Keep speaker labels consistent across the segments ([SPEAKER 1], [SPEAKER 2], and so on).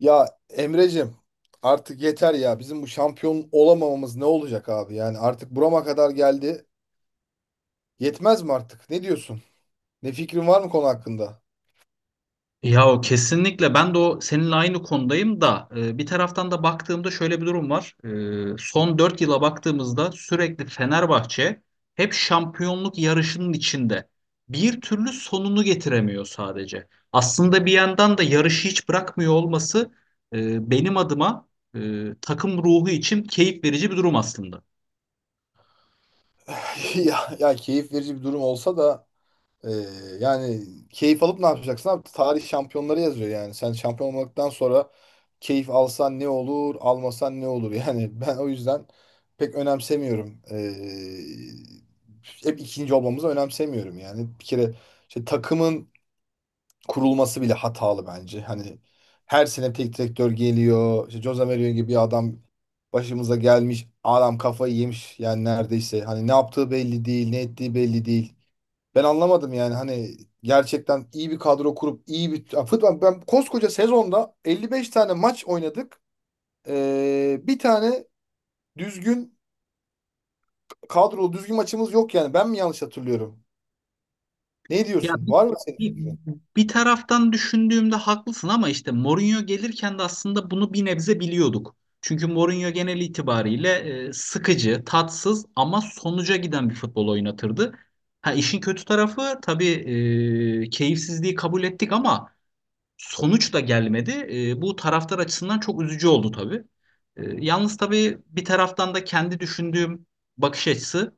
[SPEAKER 1] Ya Emre'cim artık yeter ya. Bizim bu şampiyon olamamamız ne olacak abi? Yani artık burama kadar geldi. Yetmez mi artık? Ne diyorsun? Ne fikrin var mı konu hakkında?
[SPEAKER 2] Ya o kesinlikle ben de o seninle aynı konudayım da bir taraftan da baktığımda şöyle bir durum var. Son 4 yıla baktığımızda sürekli Fenerbahçe hep şampiyonluk yarışının içinde. Bir türlü sonunu getiremiyor sadece. Aslında bir yandan da yarışı hiç bırakmıyor olması, benim adıma, e, takım ruhu için keyif verici bir durum aslında.
[SPEAKER 1] Ya, ya keyif verici bir durum olsa da e, yani keyif alıp ne yapacaksın abi? Tarih şampiyonları yazıyor yani. Sen şampiyon olmaktan sonra keyif alsan ne olur, almasan ne olur? Yani ben o yüzden pek önemsemiyorum. E, hep ikinci olmamızı önemsemiyorum yani. Bir kere işte takımın kurulması bile hatalı bence. Hani her sene tek direktör geliyor. İşte Jose Mourinho gibi bir adam başımıza gelmiş. Adam kafayı yemiş yani neredeyse. Hani ne yaptığı belli değil, ne ettiği belli değil. Ben anlamadım yani hani gerçekten iyi bir kadro kurup iyi bir ya futbol ben koskoca sezonda 55 tane maç oynadık. Bir tane düzgün kadrolu düzgün maçımız yok yani. Ben mi yanlış hatırlıyorum? Ne
[SPEAKER 2] Ya
[SPEAKER 1] diyorsun? Var mı
[SPEAKER 2] bir,
[SPEAKER 1] senin?
[SPEAKER 2] bir taraftan düşündüğümde haklısın ama işte Mourinho gelirken de aslında bunu bir nebze biliyorduk. Çünkü Mourinho genel itibariyle sıkıcı, tatsız ama sonuca giden bir futbol oynatırdı. Ha işin kötü tarafı tabii keyifsizliği kabul ettik ama sonuç da gelmedi. Bu taraftar açısından çok üzücü oldu tabii. Yalnız tabii bir taraftan da kendi düşündüğüm bakış açısı,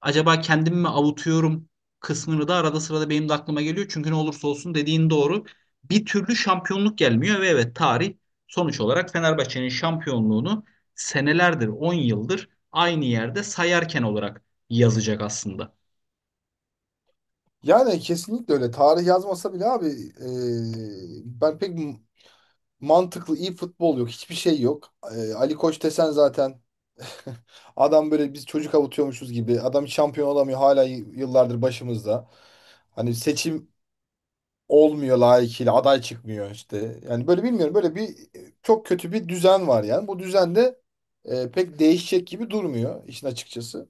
[SPEAKER 2] acaba kendimi mi avutuyorum kısmını da arada sırada benim de aklıma geliyor. Çünkü ne olursa olsun dediğin doğru. Bir türlü şampiyonluk gelmiyor ve evet tarih, sonuç olarak Fenerbahçe'nin şampiyonluğunu senelerdir, 10 yıldır aynı yerde sayarken olarak yazacak aslında.
[SPEAKER 1] Yani kesinlikle öyle. Tarih yazmasa bile abi e, ben pek m- mantıklı iyi futbol yok. Hiçbir şey yok. E, Ali Koç desen zaten adam böyle biz çocuk avutuyormuşuz gibi. Adam şampiyon olamıyor hala yıllardır başımızda. Hani seçim olmuyor layıkıyla aday çıkmıyor işte. Yani böyle bilmiyorum böyle bir çok kötü bir düzen var yani. Bu düzen de pek değişecek gibi durmuyor işin açıkçası.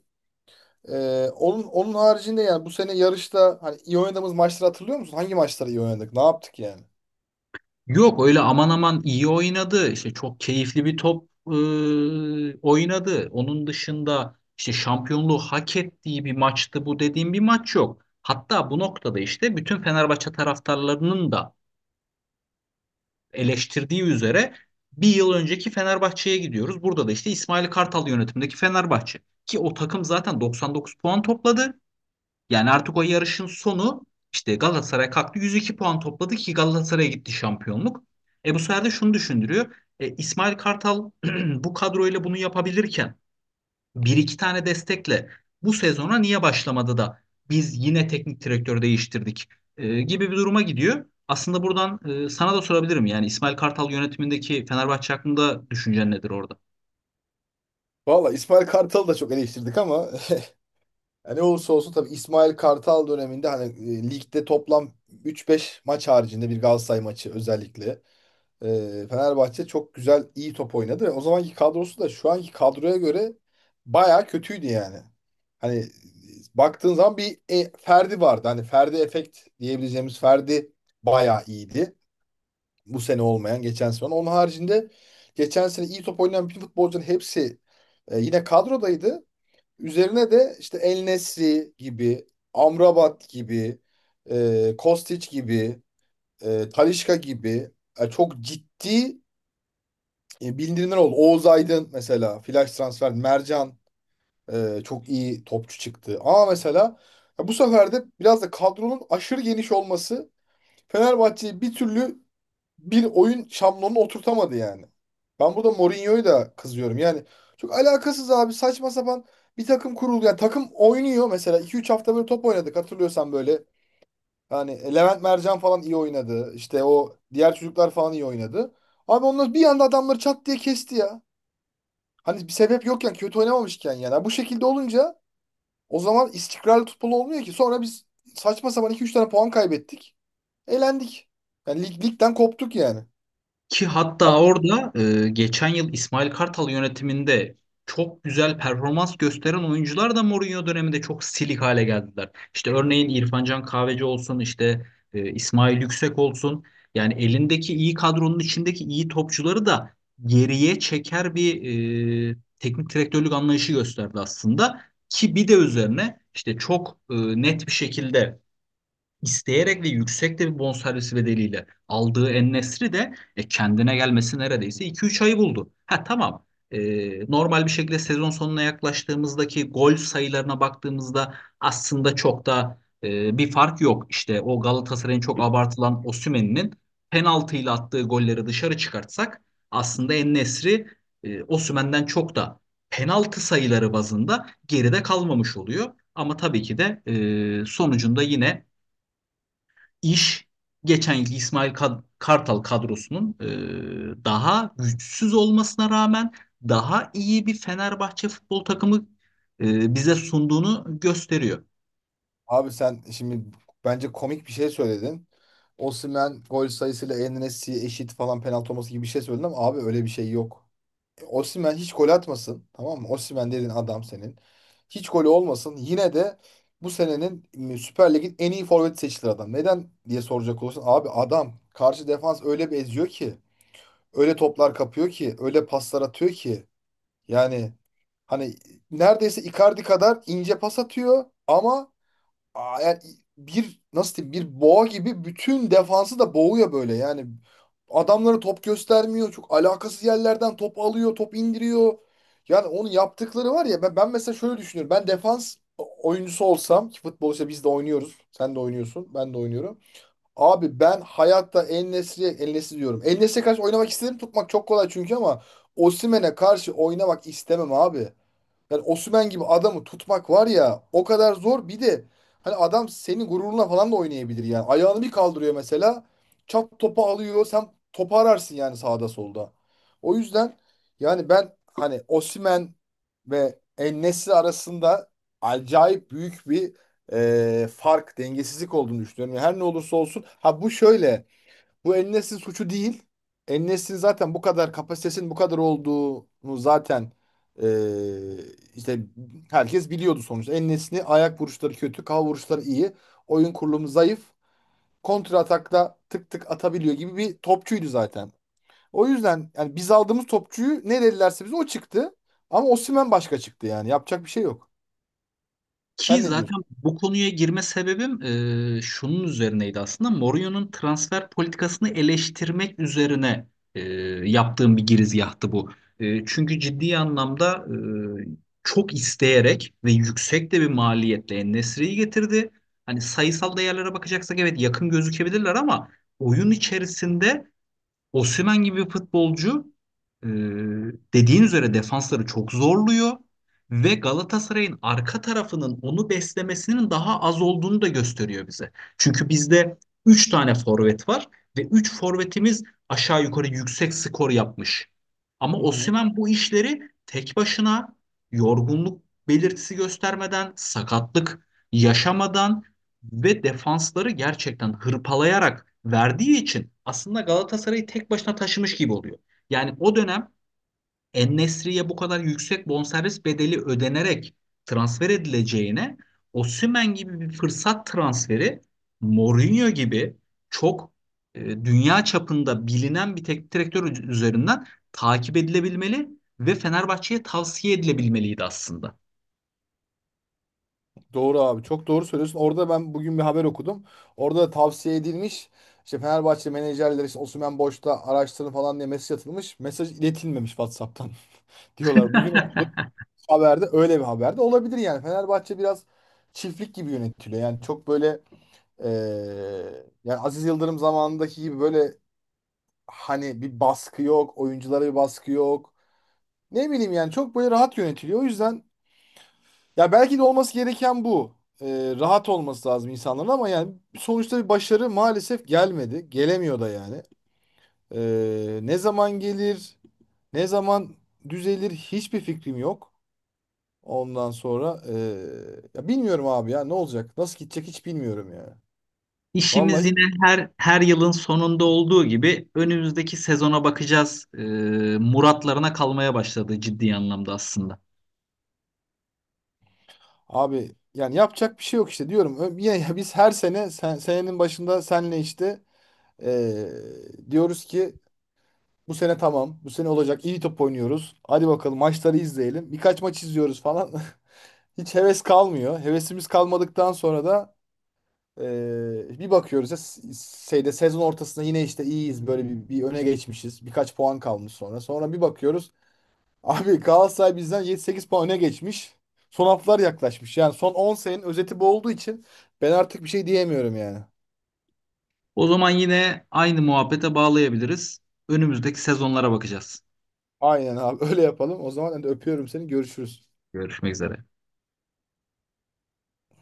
[SPEAKER 1] Onun haricinde yani bu sene yarışta hani iyi oynadığımız maçları hatırlıyor musun? Hangi maçları iyi oynadık? Ne yaptık yani?
[SPEAKER 2] Yok öyle aman aman iyi oynadı. İşte çok keyifli bir top oynadı. Onun dışında işte şampiyonluğu hak ettiği bir maçtı bu dediğim bir maç yok. Hatta bu noktada işte bütün Fenerbahçe taraftarlarının da eleştirdiği üzere bir yıl önceki Fenerbahçe'ye gidiyoruz. Burada da işte İsmail Kartal yönetimindeki Fenerbahçe. Ki o takım zaten 99 puan topladı. Yani artık o yarışın sonu, işte Galatasaray kalktı 102 puan topladı ki Galatasaray'a gitti şampiyonluk. E bu sefer de şunu düşündürüyor. İsmail Kartal bu kadroyla bunu yapabilirken bir iki tane destekle bu sezona niye başlamadı da biz yine teknik direktör değiştirdik gibi bir duruma gidiyor. Aslında buradan, sana da sorabilirim yani İsmail Kartal yönetimindeki Fenerbahçe hakkında düşüncen nedir orada?
[SPEAKER 1] Valla İsmail Kartal'ı da çok eleştirdik ama yani ne olursa olsun tabii İsmail Kartal döneminde hani ligde toplam 3-5 maç haricinde bir Galatasaray maçı özellikle Fenerbahçe çok güzel iyi top oynadı ve o zamanki kadrosu da şu anki kadroya göre bayağı kötüydü yani. Hani baktığın zaman bir Ferdi vardı. Hani Ferdi efekt diyebileceğimiz Ferdi bayağı iyiydi. Bu sene olmayan geçen sene olan. Onun haricinde geçen sene iyi top oynayan bütün futbolcuların hepsi yine kadrodaydı. Üzerine de işte El Nesri gibi, Amrabat gibi, Kostić gibi, Talisca gibi çok ciddi bildirimler oldu. Oğuz Aydın mesela, flash transfer, Mercan çok iyi topçu çıktı. Ama mesela ya bu sefer de biraz da kadronun aşırı geniş olması Fenerbahçe'yi bir türlü bir oyun şablonunu oturtamadı yani. Ben burada Mourinho'yu da kızıyorum. Yani çok alakasız abi saçma sapan bir takım kuruldu. Yani takım oynuyor mesela iki üç hafta böyle top oynadık hatırlıyorsan böyle. Yani Levent Mercan falan iyi oynadı. İşte o diğer çocuklar falan iyi oynadı. Abi onlar bir anda adamları çat diye kesti ya. Hani bir sebep yokken kötü oynamamışken yani. Bu şekilde olunca o zaman istikrarlı futbol olmuyor ki. Sonra biz saçma sapan iki üç tane puan kaybettik. Elendik. Yani lig, ligden koptuk yani.
[SPEAKER 2] Ki hatta orada, geçen yıl İsmail Kartal yönetiminde çok güzel performans gösteren oyuncular da Mourinho döneminde çok silik hale geldiler. İşte örneğin İrfan Can Kahveci olsun, işte İsmail Yüksek olsun. Yani elindeki iyi kadronun içindeki iyi topçuları da geriye çeker bir teknik direktörlük anlayışı gösterdi aslında. Ki bir de üzerine işte çok net bir şekilde isteyerek ve yüksek de bir bonservis bedeliyle aldığı En-Nesyri de, kendine gelmesi neredeyse 2-3 ayı buldu. Ha tamam. E, Normal bir şekilde sezon sonuna yaklaştığımızdaki gol sayılarına baktığımızda aslında çok da bir fark yok. İşte o Galatasaray'ın çok abartılan Osimhen'in penaltıyla attığı golleri dışarı çıkartsak aslında En-Nesyri, Osimhen'den çok da penaltı sayıları bazında geride kalmamış oluyor. Ama tabii ki de, sonucunda yine iş geçen yılki Kartal kadrosunun daha güçsüz olmasına rağmen daha iyi bir Fenerbahçe futbol takımı bize sunduğunu gösteriyor.
[SPEAKER 1] Abi sen şimdi bence komik bir şey söyledin. Osimhen gol sayısıyla En-Nesyri eşit falan penaltı olması gibi bir şey söyledin ama abi öyle bir şey yok. E, Osimhen hiç gol atmasın tamam mı? Osimhen dediğin adam senin. Hiç golü olmasın. Yine de bu senenin Süper Lig'in en iyi forveti seçilir adam. Neden diye soracak olursan abi adam karşı defans öyle bir eziyor ki. Öyle toplar kapıyor ki. Öyle paslar atıyor ki. Yani hani neredeyse Icardi kadar ince pas atıyor ama yani bir nasıl diyeyim bir boğa gibi bütün defansı da boğuyor böyle yani. Adamlara top göstermiyor. Çok alakasız yerlerden top alıyor, top indiriyor. Yani onun yaptıkları var ya ben mesela şöyle düşünüyorum. Ben defans oyuncusu olsam ki futbolda biz de oynuyoruz. Sen de oynuyorsun, ben de oynuyorum. Abi ben hayatta En-Nesyri diyorum. En-Nesyri'ye karşı oynamak istedim. Tutmak çok kolay çünkü ama Osimhen'e karşı oynamak istemem abi. Yani Osimhen gibi adamı tutmak var ya o kadar zor. Bir de hani adam senin gururuna falan da oynayabilir yani. Ayağını bir kaldırıyor mesela. Çat topu alıyor. Sen topu ararsın yani sağda solda. O yüzden yani ben hani Osimhen ve En-Nesyri arasında acayip büyük bir fark, dengesizlik olduğunu düşünüyorum. Yani her ne olursa olsun. Ha bu şöyle. Bu en Nesyri suçu değil. En Nesyri zaten bu kadar kapasitesinin bu kadar olduğunu zaten eee, işte herkes biliyordu sonuçta. En Nesyri ayak vuruşları kötü, kafa vuruşları iyi. Oyun kurulumu zayıf. Kontra atakta tık tık atabiliyor gibi bir topçuydu zaten. O yüzden yani biz aldığımız topçuyu ne dedilerse bize o çıktı. Ama Osimhen başka çıktı yani. Yapacak bir şey yok.
[SPEAKER 2] Ki
[SPEAKER 1] Sen ne
[SPEAKER 2] zaten
[SPEAKER 1] diyorsun?
[SPEAKER 2] bu konuya girme sebebim, şunun üzerineydi aslında. Mourinho'nun transfer politikasını eleştirmek üzerine e, yaptığım bir girizgahtı bu. Çünkü ciddi anlamda, e, çok isteyerek ve yüksek de bir maliyetle En-Nesyri'yi getirdi. Hani sayısal değerlere bakacaksak evet yakın gözükebilirler ama oyun içerisinde Osimhen gibi bir futbolcu, e, dediğin üzere defansları çok zorluyor ve Galatasaray'ın arka tarafının onu beslemesinin daha az olduğunu da gösteriyor bize. Çünkü bizde 3 tane forvet var ve 3 forvetimiz aşağı yukarı yüksek skor yapmış. Ama
[SPEAKER 1] Hı hı.
[SPEAKER 2] Osimhen bu işleri tek başına yorgunluk belirtisi göstermeden, sakatlık yaşamadan ve defansları gerçekten hırpalayarak verdiği için aslında Galatasaray'ı tek başına taşımış gibi oluyor. Yani o dönem En-Nesyri'ye bu kadar yüksek bonservis bedeli ödenerek transfer edileceğine Osimhen gibi bir fırsat transferi Mourinho gibi çok dünya çapında bilinen bir teknik direktör üzerinden takip edilebilmeli ve Fenerbahçe'ye tavsiye edilebilmeliydi aslında.
[SPEAKER 1] Doğru abi çok doğru söylüyorsun. Orada ben bugün bir haber okudum. Orada da tavsiye edilmiş. İşte Fenerbahçe menajerleri işte Osimhen boşta araştırın falan diye mesaj atılmış. Mesaj iletilmemiş WhatsApp'tan diyorlar. Bugün o haberde öyle bir haberde olabilir yani. Fenerbahçe biraz çiftlik gibi yönetiliyor. Yani çok böyle yani Aziz Yıldırım zamanındaki gibi böyle hani bir baskı yok. Oyunculara bir baskı yok. Ne bileyim yani çok böyle rahat yönetiliyor. O yüzden ya belki de olması gereken bu. Rahat olması lazım insanların ama yani sonuçta bir başarı maalesef gelmedi. Gelemiyor da yani. Ne zaman gelir, ne zaman düzelir hiçbir fikrim yok. Ondan sonra ya bilmiyorum abi ya ne olacak? Nasıl gidecek hiç bilmiyorum ya. Vallahi
[SPEAKER 2] İşimiz
[SPEAKER 1] hiç-
[SPEAKER 2] yine her yılın sonunda olduğu gibi önümüzdeki sezona bakacağız. Muratlarına kalmaya başladı ciddi anlamda aslında.
[SPEAKER 1] Abi yani yapacak bir şey yok işte diyorum. Yine biz her sene senenin başında senle işte ee, diyoruz ki bu sene tamam. Bu sene olacak. İyi top oynuyoruz. Hadi bakalım maçları izleyelim. Birkaç maç izliyoruz falan. Hiç heves kalmıyor. Hevesimiz kalmadıktan sonra da bir bakıyoruz ya şeyde sezon ortasında yine işte iyiyiz. Böyle bir öne geçmişiz. Birkaç puan kalmış sonra. Sonra bir bakıyoruz. Abi Galatasaray bizden 7-8 puan öne geçmiş. Son haftalar yaklaşmış. Yani son 10 senenin özeti bu olduğu için ben artık bir şey diyemiyorum yani.
[SPEAKER 2] O zaman yine aynı muhabbete bağlayabiliriz. Önümüzdeki sezonlara bakacağız.
[SPEAKER 1] Aynen abi öyle yapalım. O zaman ben de öpüyorum seni. Görüşürüz.
[SPEAKER 2] Görüşmek üzere.